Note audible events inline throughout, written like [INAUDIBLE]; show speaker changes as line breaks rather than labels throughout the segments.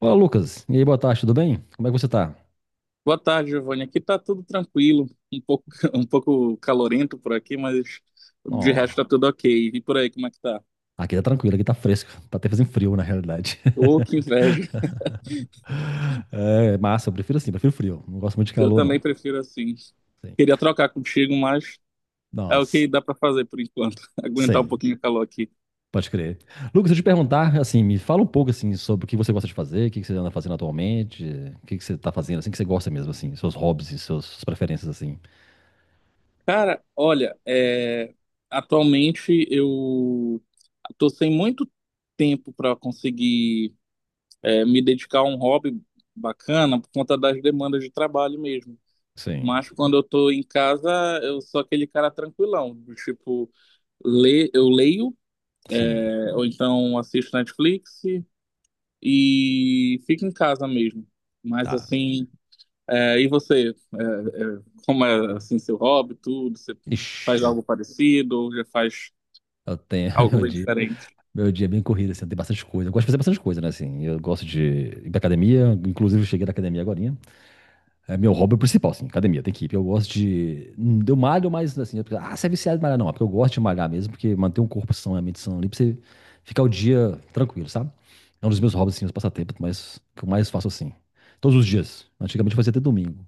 Olá, Lucas. E aí, boa tarde, tudo bem? Como é que você tá?
Boa tarde, Giovanni. Aqui tá tudo tranquilo, um pouco, [LAUGHS] um pouco calorento por aqui, mas de resto
Ó,
tá tudo ok. E por aí, como é que tá?
aqui tá tranquilo, aqui tá fresco. Tá até fazendo frio, na realidade.
Ô, que inveja.
[LAUGHS] É massa, eu prefiro assim, prefiro frio. Não gosto muito de
Eu
calor,
também
não.
prefiro assim.
Sim.
Queria trocar contigo, mas é o que
Nossa,
dá pra fazer por enquanto. [LAUGHS] Aguentar um
sim,
pouquinho o calor aqui.
pode crer. Lucas, deixa eu te perguntar, assim, me fala um pouco, assim, sobre o que você gosta de fazer, o que que você anda fazendo atualmente, o que que você tá fazendo, assim, que você gosta mesmo, assim, seus hobbies e suas preferências, assim.
Cara, olha, atualmente eu tô sem muito tempo para conseguir me dedicar a um hobby bacana por conta das demandas de trabalho mesmo.
Sim,
Mas quando eu tô em casa, eu sou aquele cara tranquilão, do tipo, le eu leio,
sim,
ou então assisto Netflix e fico em casa mesmo. Mas
tá.
assim, e você? Como é assim seu hobby, tudo? Você faz
Ixi, eu
algo parecido ou já faz
eu tenho, [LAUGHS]
algo
meu
bem
dia.
diferente?
Meu dia é bem corrido, assim, tem bastante coisa. Eu gosto de fazer bastante coisa, né, assim. Eu gosto de ir pra academia, inclusive eu cheguei da academia agorinha. É meu hobby principal, assim, academia, tem que ir. Eu gosto de, eu malho, mas, assim, ah, você é viciado em malhar, não. É porque eu gosto de malhar mesmo, porque manter um corpo são e a mente sã ali, pra você ficar o dia tranquilo, sabe? É um dos meus hobbies, assim, os passatempos, mas que eu mais faço, assim. Todos os dias. Antigamente eu fazia até domingo.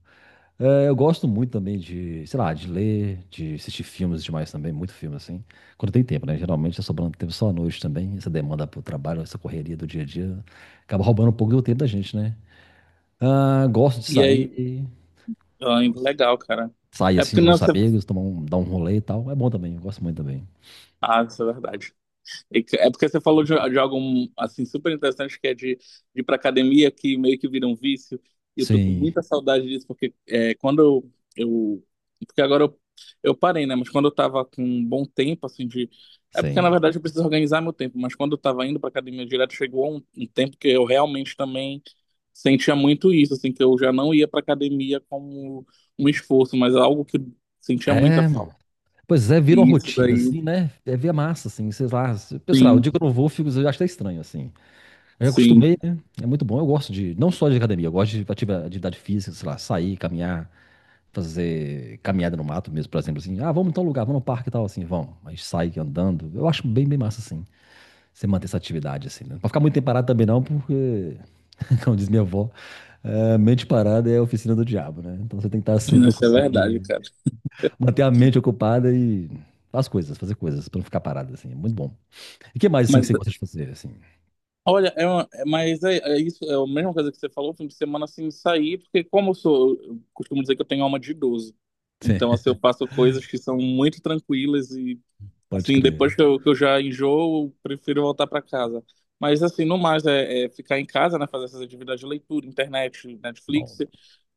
É, eu gosto muito também de, sei lá, de ler, de assistir filmes demais também, muito filme assim. Quando tem tempo, né? Geralmente tá sobrando tempo só à noite também. Essa demanda pro trabalho, essa correria do dia a dia, acaba roubando um pouco do tempo da gente, né? Ah, gosto de
E aí,
sair,
ah, legal, cara.
sair
É
assim
porque
com
não é...
os amigos, tomar um, dar um rolê e tal. É bom também, eu gosto muito também.
Ah, isso é verdade. É porque você falou de algo assim super interessante que é de ir para academia que meio que vira um vício. E eu tô com
Sim,
muita saudade disso porque quando porque agora eu parei, né? Mas quando eu tava com um bom tempo assim de é porque na
sim.
verdade eu preciso organizar meu tempo. Mas quando eu tava indo para academia direto chegou um tempo que eu realmente também sentia muito isso, assim que eu já não ia para academia como um esforço, mas algo que eu sentia muita
É,
falta.
mano. Pois é, vira uma
E isso
rotina,
daí,
assim, né? É via massa, assim, sei lá. Eu sei lá, o
sim,
dia que eu não vou, eu fico, eu acho até estranho, assim. Eu
sim.
acostumei, né? É muito bom. Eu gosto de, não só de academia, eu gosto de atividade física, sei lá, sair, caminhar, fazer caminhada no mato mesmo, por exemplo, assim. Ah, vamos em tal lugar, vamos no parque e tal, assim, vamos. A gente sai andando. Eu acho bem, bem massa, assim, você manter essa atividade, assim, né? Pra ficar muito tempo parado também não, porque, [LAUGHS] como diz minha avó, é, mente parada é a oficina do diabo, né? Então você tem que estar sempre
Isso é
ocupado
verdade,
ali.
cara.
Manter a mente ocupada e as coisas, fazer coisas, pra não ficar parado, assim. É muito bom. E o que mais, assim, que
Mas,
você gosta de fazer, assim?
olha, mas é isso, é a mesma coisa que você falou, fim de semana assim, sair, porque como eu sou, eu costumo dizer que eu tenho alma de idoso.
[LAUGHS] Sim,
Então, assim, eu faço coisas que são muito tranquilas e,
pode
assim,
crer.
depois que eu já enjoo, eu prefiro voltar para casa. Mas, assim, no mais, é ficar em casa, né, fazer essas atividades de leitura, internet, Netflix,
Bom,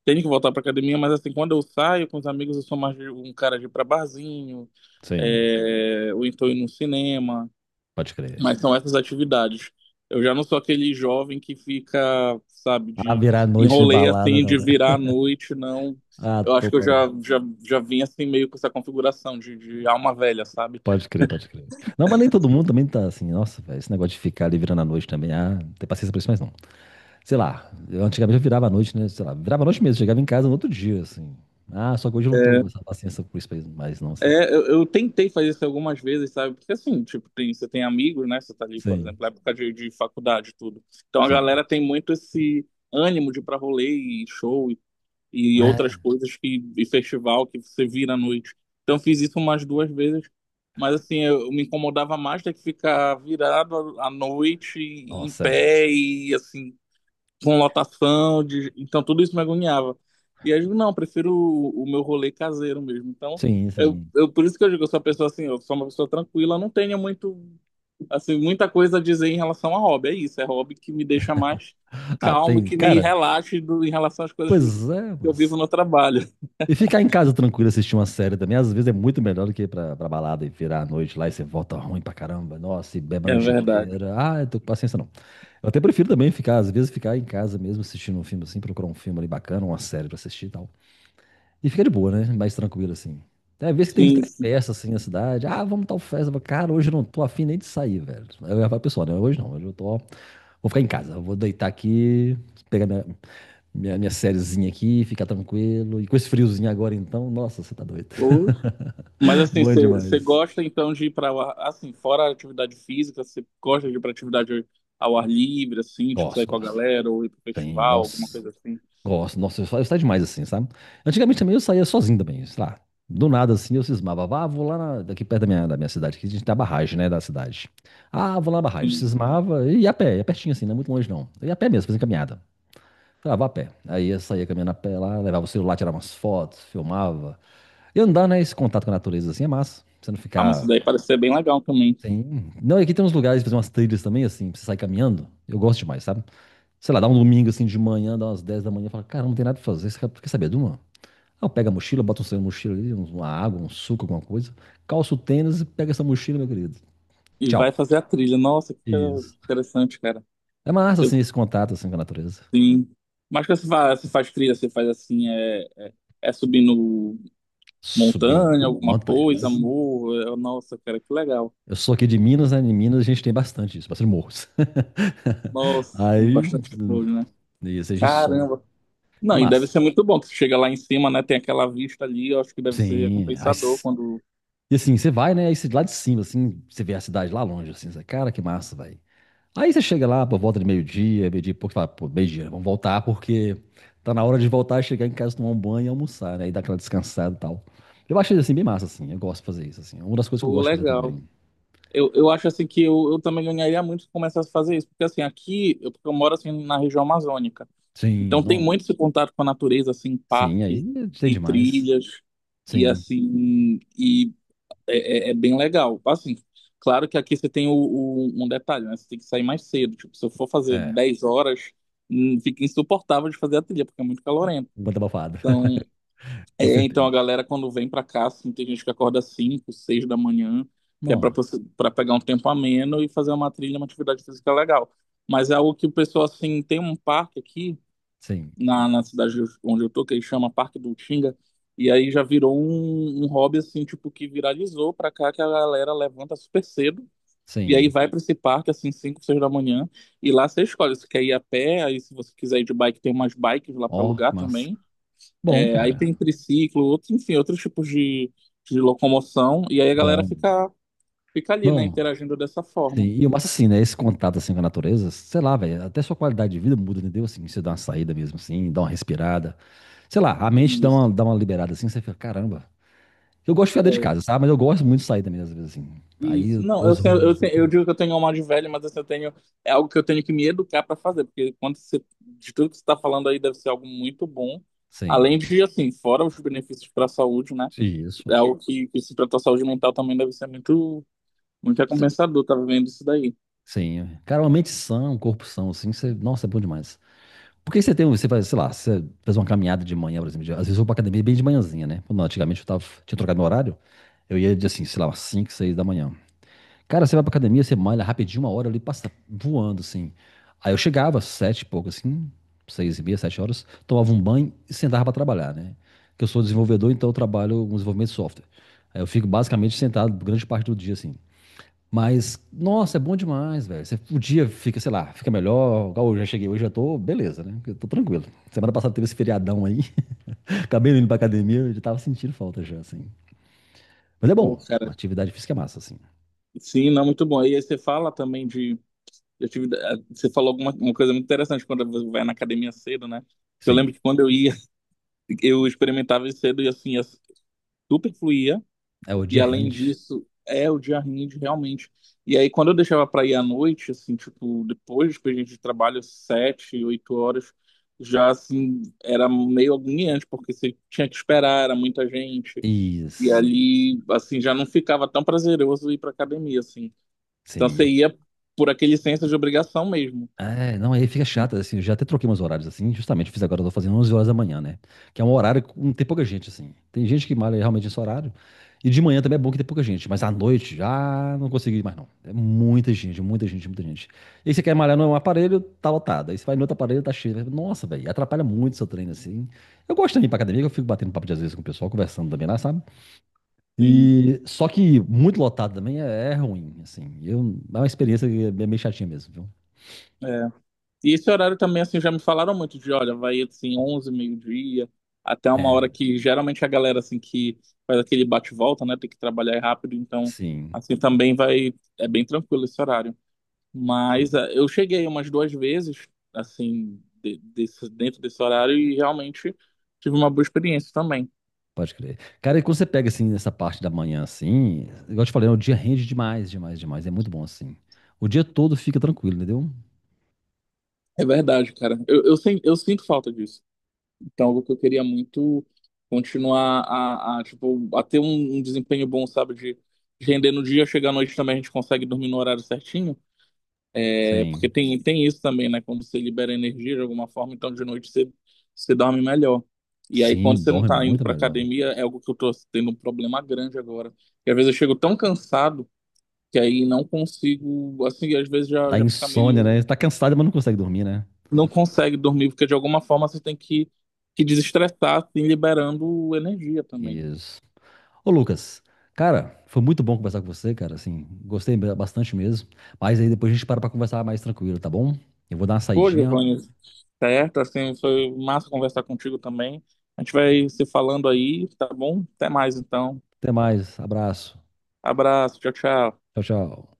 tenho que voltar para academia, mas, assim, quando eu saio com os amigos, eu sou um cara de ir pra barzinho,
sim.
ou então ir no cinema.
Pode crer.
Mas são essas atividades. Eu já não sou aquele jovem que fica, sabe,
Ah,
de
virar noite de
enrolei
balada,
assim,
não,
de
né?
virar à noite, não.
Ah,
Eu acho
tô
que eu
pra...
já vim assim meio com essa configuração de alma velha, sabe?
Pode crer, pode crer. Não, mas nem todo mundo também tá assim, nossa, velho, esse negócio de ficar ali virando a noite também, ah, não tem paciência pra isso mais não. Sei lá, eu antigamente eu virava a noite, né, sei lá, virava a noite mesmo, chegava em casa no outro dia, assim. Ah, só que hoje eu não tô com
É,
essa paciência por isso mais não, assim.
eu tentei fazer isso algumas vezes, sabe? Porque assim, tipo, você tem amigos, né? Você tá ali, por
Sim,
exemplo, na época de faculdade e tudo. Então a
sim.
galera tem muito esse ânimo de ir pra rolê e show e outras
É,
coisas que e festival que você vira à noite. Então eu fiz isso umas duas vezes, mas assim eu me incomodava mais ter que ficar virado à noite e em
nossa, é.
pé e assim com lotação de... então tudo isso me agoniava. E aí eu digo, não, eu prefiro o meu rolê caseiro mesmo. Então
Sim,
eu,
sim.
eu por isso que eu digo, eu sou uma pessoa assim, eu sou uma pessoa tranquila, não tenho muito assim, muita coisa a dizer em relação a hobby. É isso, é hobby que me deixa mais
Ah,
calmo,
tem,
que me
cara,
relaxe do, em relação às coisas que
pois é,
eu vivo
mas
no trabalho. [LAUGHS]
e ficar em casa tranquilo assistir uma série também, às vezes é muito melhor do que ir pra balada e virar a noite lá e você volta ruim pra caramba. Nossa, e bebe a
É
noite
verdade.
inteira. Ah, eu tô com paciência não. Eu até prefiro também ficar, às vezes, ficar em casa mesmo assistindo um filme assim, procurar um filme ali bacana, uma série pra assistir e tal. E fica de boa, né? Mais tranquilo assim. Tem vezes que tem até
Sim, sim.
festa assim na cidade. Ah, vamos tal festa. Eu falo, cara, hoje eu não tô afim nem de sair, velho. Aí eu ia falar, pro pessoal, né? Hoje não, hoje eu tô. Vou ficar em casa, eu vou deitar aqui, pegar minha sériezinha aqui, ficar tranquilo. E com esse friozinho agora, então, nossa, você tá doido.
Ou- Mas
[LAUGHS]
assim,
Bom
você
demais.
gosta então de ir para assim, fora a atividade física, você gosta de ir para atividade ao ar livre, assim, tipo
Gosto,
sair com a
gosto.
galera ou ir para
Tem,
festival, alguma
nossa,
coisa assim?
gosto. Nossa, eu saio demais assim, sabe? Antigamente também eu saía sozinho também, sei lá. Do nada assim eu cismava, ah, vou lá daqui perto da minha cidade, que a gente tem a barragem, né, da cidade. Ah, vou lá na barragem.
Sim.
Cismava e ia a pé, ia pertinho assim, não é muito longe não. Eu ia a pé mesmo, fazia caminhada. Ah, vá a pé. Aí eu saía caminhando a pé lá, levava o celular, tirava umas fotos, filmava. E andar, né? Esse contato com a natureza assim é massa. Você não
Ah, mas isso
ficar.
daí parece ser bem legal também.
Sim. Não, e aqui tem uns lugares, fazer umas trilhas também, assim, pra você sair caminhando. Eu gosto demais, sabe? Sei lá, dá um domingo assim de manhã, dá umas 10 da manhã, fala, cara, não tem nada pra fazer. Você quer saber de uma? Ah, eu pego a mochila, boto um sangue na mochila ali, uma água, um suco, alguma coisa, calço o tênis e pega essa mochila, meu querido.
E vai
Tchau.
fazer a trilha. Nossa, que coisa
Isso.
interessante, cara.
É massa,
Eu
assim, esse contato, assim, com a natureza.
Sim. Mas quando você faz trilha, você faz assim, é subindo
Subir
montanha, alguma coisa,
montanhas.
morro. Nossa, cara, que legal.
Eu sou aqui de Minas, né? Em Minas a gente tem bastante isso, bastante morros. [LAUGHS]
Nossa,
Aí,
bastante coisa, né?
isso, a gente sobe.
Caramba.
É
Não, e deve
massa.
ser muito bom, que você chega lá em cima, né? Tem aquela vista ali, eu acho que deve ser
Sim, ai,
recompensador quando.
e assim, você vai, né? Aí você, lá de cima, assim, você vê a cidade lá longe, assim, você, cara, que massa, velho. Aí você chega lá, por volta de meio-dia, meio-dia e pouco, você fala, pô, meio-dia, vamos voltar, porque tá na hora de voltar, chegar em casa, tomar um banho e almoçar, né? E dar aquela descansada e tal. Eu achei, assim, bem massa, assim, eu gosto de fazer isso, assim. É uma das coisas que eu
Pô,
gosto de fazer
legal.
também.
Eu acho assim que eu também ganharia muito se começasse a fazer isso, porque assim, aqui eu, porque eu moro assim na região amazônica.
Sim,
Então tem
não.
muito esse contato com a natureza, assim,
Sim, aí
parque
tem
e
demais.
trilhas, e
Sim,
assim, e é bem legal. Assim, claro que aqui você tem um detalhe, né? Você tem que sair mais cedo. Tipo, se eu for fazer
é.
10 horas, fica insuportável de fazer a trilha, porque é muito calorento.
Banda abafada,
Então,
[LAUGHS] com
então a
certeza.
galera quando vem pra cá, assim, tem gente que acorda às 5, 6 da manhã, que é pra
Não,
para pegar um tempo ameno e fazer uma trilha, uma atividade física legal. Mas é algo que o pessoal, assim, tem um parque aqui
sim,
na cidade onde eu tô, que ele chama Parque do Utinga, e aí já virou um hobby, assim, tipo, que viralizou pra cá, que a galera levanta super cedo, e aí
sim.
vai pra esse parque, assim, 5, 6 da manhã, e lá você escolhe se quer ir a pé, aí se você quiser ir de bike, tem umas bikes lá pra
Ó,
alugar
que massa.
também,
Bom,
aí
cara,
tem triciclo, outros, enfim, outros tipos de locomoção, e aí a galera
bom.
fica ali, né,
Não.
interagindo dessa
Sim,
forma.
e o massa assim, né? Esse contato assim com a natureza, sei lá, velho, até sua qualidade de vida muda, entendeu? Assim, você dá uma saída mesmo, assim, dá uma respirada. Sei lá, a mente
Isso.
dá uma liberada assim, você fica, caramba. Eu gosto de ficar dentro de
É,
casa, sabe? Mas eu gosto muito de sair também, às vezes, assim. Aí
isso.
eu
Não,
dou
eu,
os
eu,
rolês.
eu digo que eu tenho alma de velho, mas assim, eu tenho, é algo que eu tenho que me educar para fazer, porque quando você, de tudo que você está falando aí deve ser algo muito bom, além
Sim,
de, assim, fora os benefícios para a saúde, né,
isso.
é algo que se tratar a saúde mental também deve ser muito, muito
Cê-
recompensador, tá vendo isso daí.
Sim, cara, uma mente sã, um corpo são, assim, você, nossa, é bom demais. Porque você tem, você faz, sei lá, você faz uma caminhada de manhã, por exemplo, às vezes eu vou pra academia bem de manhãzinha, né? Quando Antigamente eu tava, tinha trocado meu horário, eu ia de, assim, sei lá, umas 5, 6 da manhã. Cara, você vai pra academia, você malha rapidinho, uma hora ali, passa voando, assim. Aí eu chegava, 7 e pouco, assim, 6 e meia, 7 horas, tomava um banho e sentava pra trabalhar, né? Que eu sou desenvolvedor, então eu trabalho com desenvolvimento de software. Aí eu fico basicamente sentado grande parte do dia, assim. Mas, nossa, é bom demais, velho. Você, o dia fica, sei lá, fica melhor. Igual eu já cheguei hoje, já tô, beleza, né? Eu tô tranquilo. Semana passada teve esse feriadão aí, [LAUGHS] acabei indo pra academia, eu já tava sentindo falta já, assim. Mas é
Ô,
bom,
cara,
uma atividade física é massa, assim.
sim, não, muito bom. E aí você fala também de Eu tive, você falou alguma uma coisa muito interessante quando você vai na academia cedo, né? Eu lembro
Sim,
que quando eu ia, [LAUGHS] eu experimentava isso cedo e assim, super fluía.
é o
E
dia
além
rende.
disso, é o dia rende realmente. E aí quando eu deixava para ir à noite, assim, tipo, depois que a gente trabalha 7, 8 horas, já assim, era meio agoniante, porque você tinha que esperar, era muita gente. E
Isso.
ali, assim, já não ficava tão prazeroso ir pra academia, assim. Então
Sim.
você ia por aquele senso de obrigação mesmo,
É, não, aí fica chato, assim, eu já até troquei meus horários, assim, justamente, fiz agora, eu tô fazendo 11 horas da manhã, né? Que é um horário que não tem pouca gente, assim. Tem gente que malha realmente nesse horário, e de manhã também é bom que tem pouca gente, mas à noite já não consegui mais, não. É muita gente, muita gente, muita gente. E aí você quer malhar num aparelho, tá lotado. Aí você vai no outro aparelho, tá cheio. Nossa, velho, atrapalha muito seu treino, assim. Eu gosto também ir pra academia, que eu fico batendo papo de às vezes com o pessoal, conversando também lá, sabe?
assim.
E só que muito lotado também é, ruim, assim. Eu, é uma experiência que é meio chatinha mesmo, viu?
É, E esse horário também, assim, já me falaram muito de, olha, vai, assim, 11 meio-dia, até uma
É,
hora que geralmente a galera, assim, que faz aquele bate-volta, né, tem que trabalhar rápido, então,
sim,
assim, também vai, é bem tranquilo esse horário. Mas
sim,
ah, eu cheguei umas duas vezes, assim, dentro desse horário e realmente tive uma boa experiência também.
pode crer. Cara, e quando você pega assim nessa parte da manhã assim, igual eu te falei, né, o dia rende demais, demais, demais. É muito bom assim. O dia todo fica tranquilo, entendeu?
É verdade, cara. Eu, eu sinto falta disso. Então, algo que eu queria muito continuar a, tipo, a ter um desempenho bom, sabe? De render no dia, chegar à noite também a gente consegue dormir no horário certinho. É, porque
Sim.
tem isso também, né? Quando você libera energia de alguma forma, então de noite você dorme melhor. E aí,
Sim,
quando você não
dorme
tá
muito
indo
é
pra
melhor.
academia, é algo que eu tô tendo um problema grande agora. E às vezes eu chego tão cansado que aí não consigo, assim, às vezes já,
Dá
já fica
insônia, né?
meio
Você tá cansado, mas não consegue dormir, né?
não consegue dormir, porque de alguma forma você tem que desestressar, assim, liberando energia também.
Isso. Ô Lucas, cara, foi muito bom conversar com você, cara, assim, gostei bastante mesmo, mas aí depois a gente para pra conversar mais tranquilo, tá bom? Eu vou dar uma
Pô,
saidinha,
Giovanni, certo, assim, foi massa conversar contigo também. A gente vai se falando aí, tá bom? Até mais então.
até mais, abraço,
Abraço, tchau, tchau.
tchau, tchau.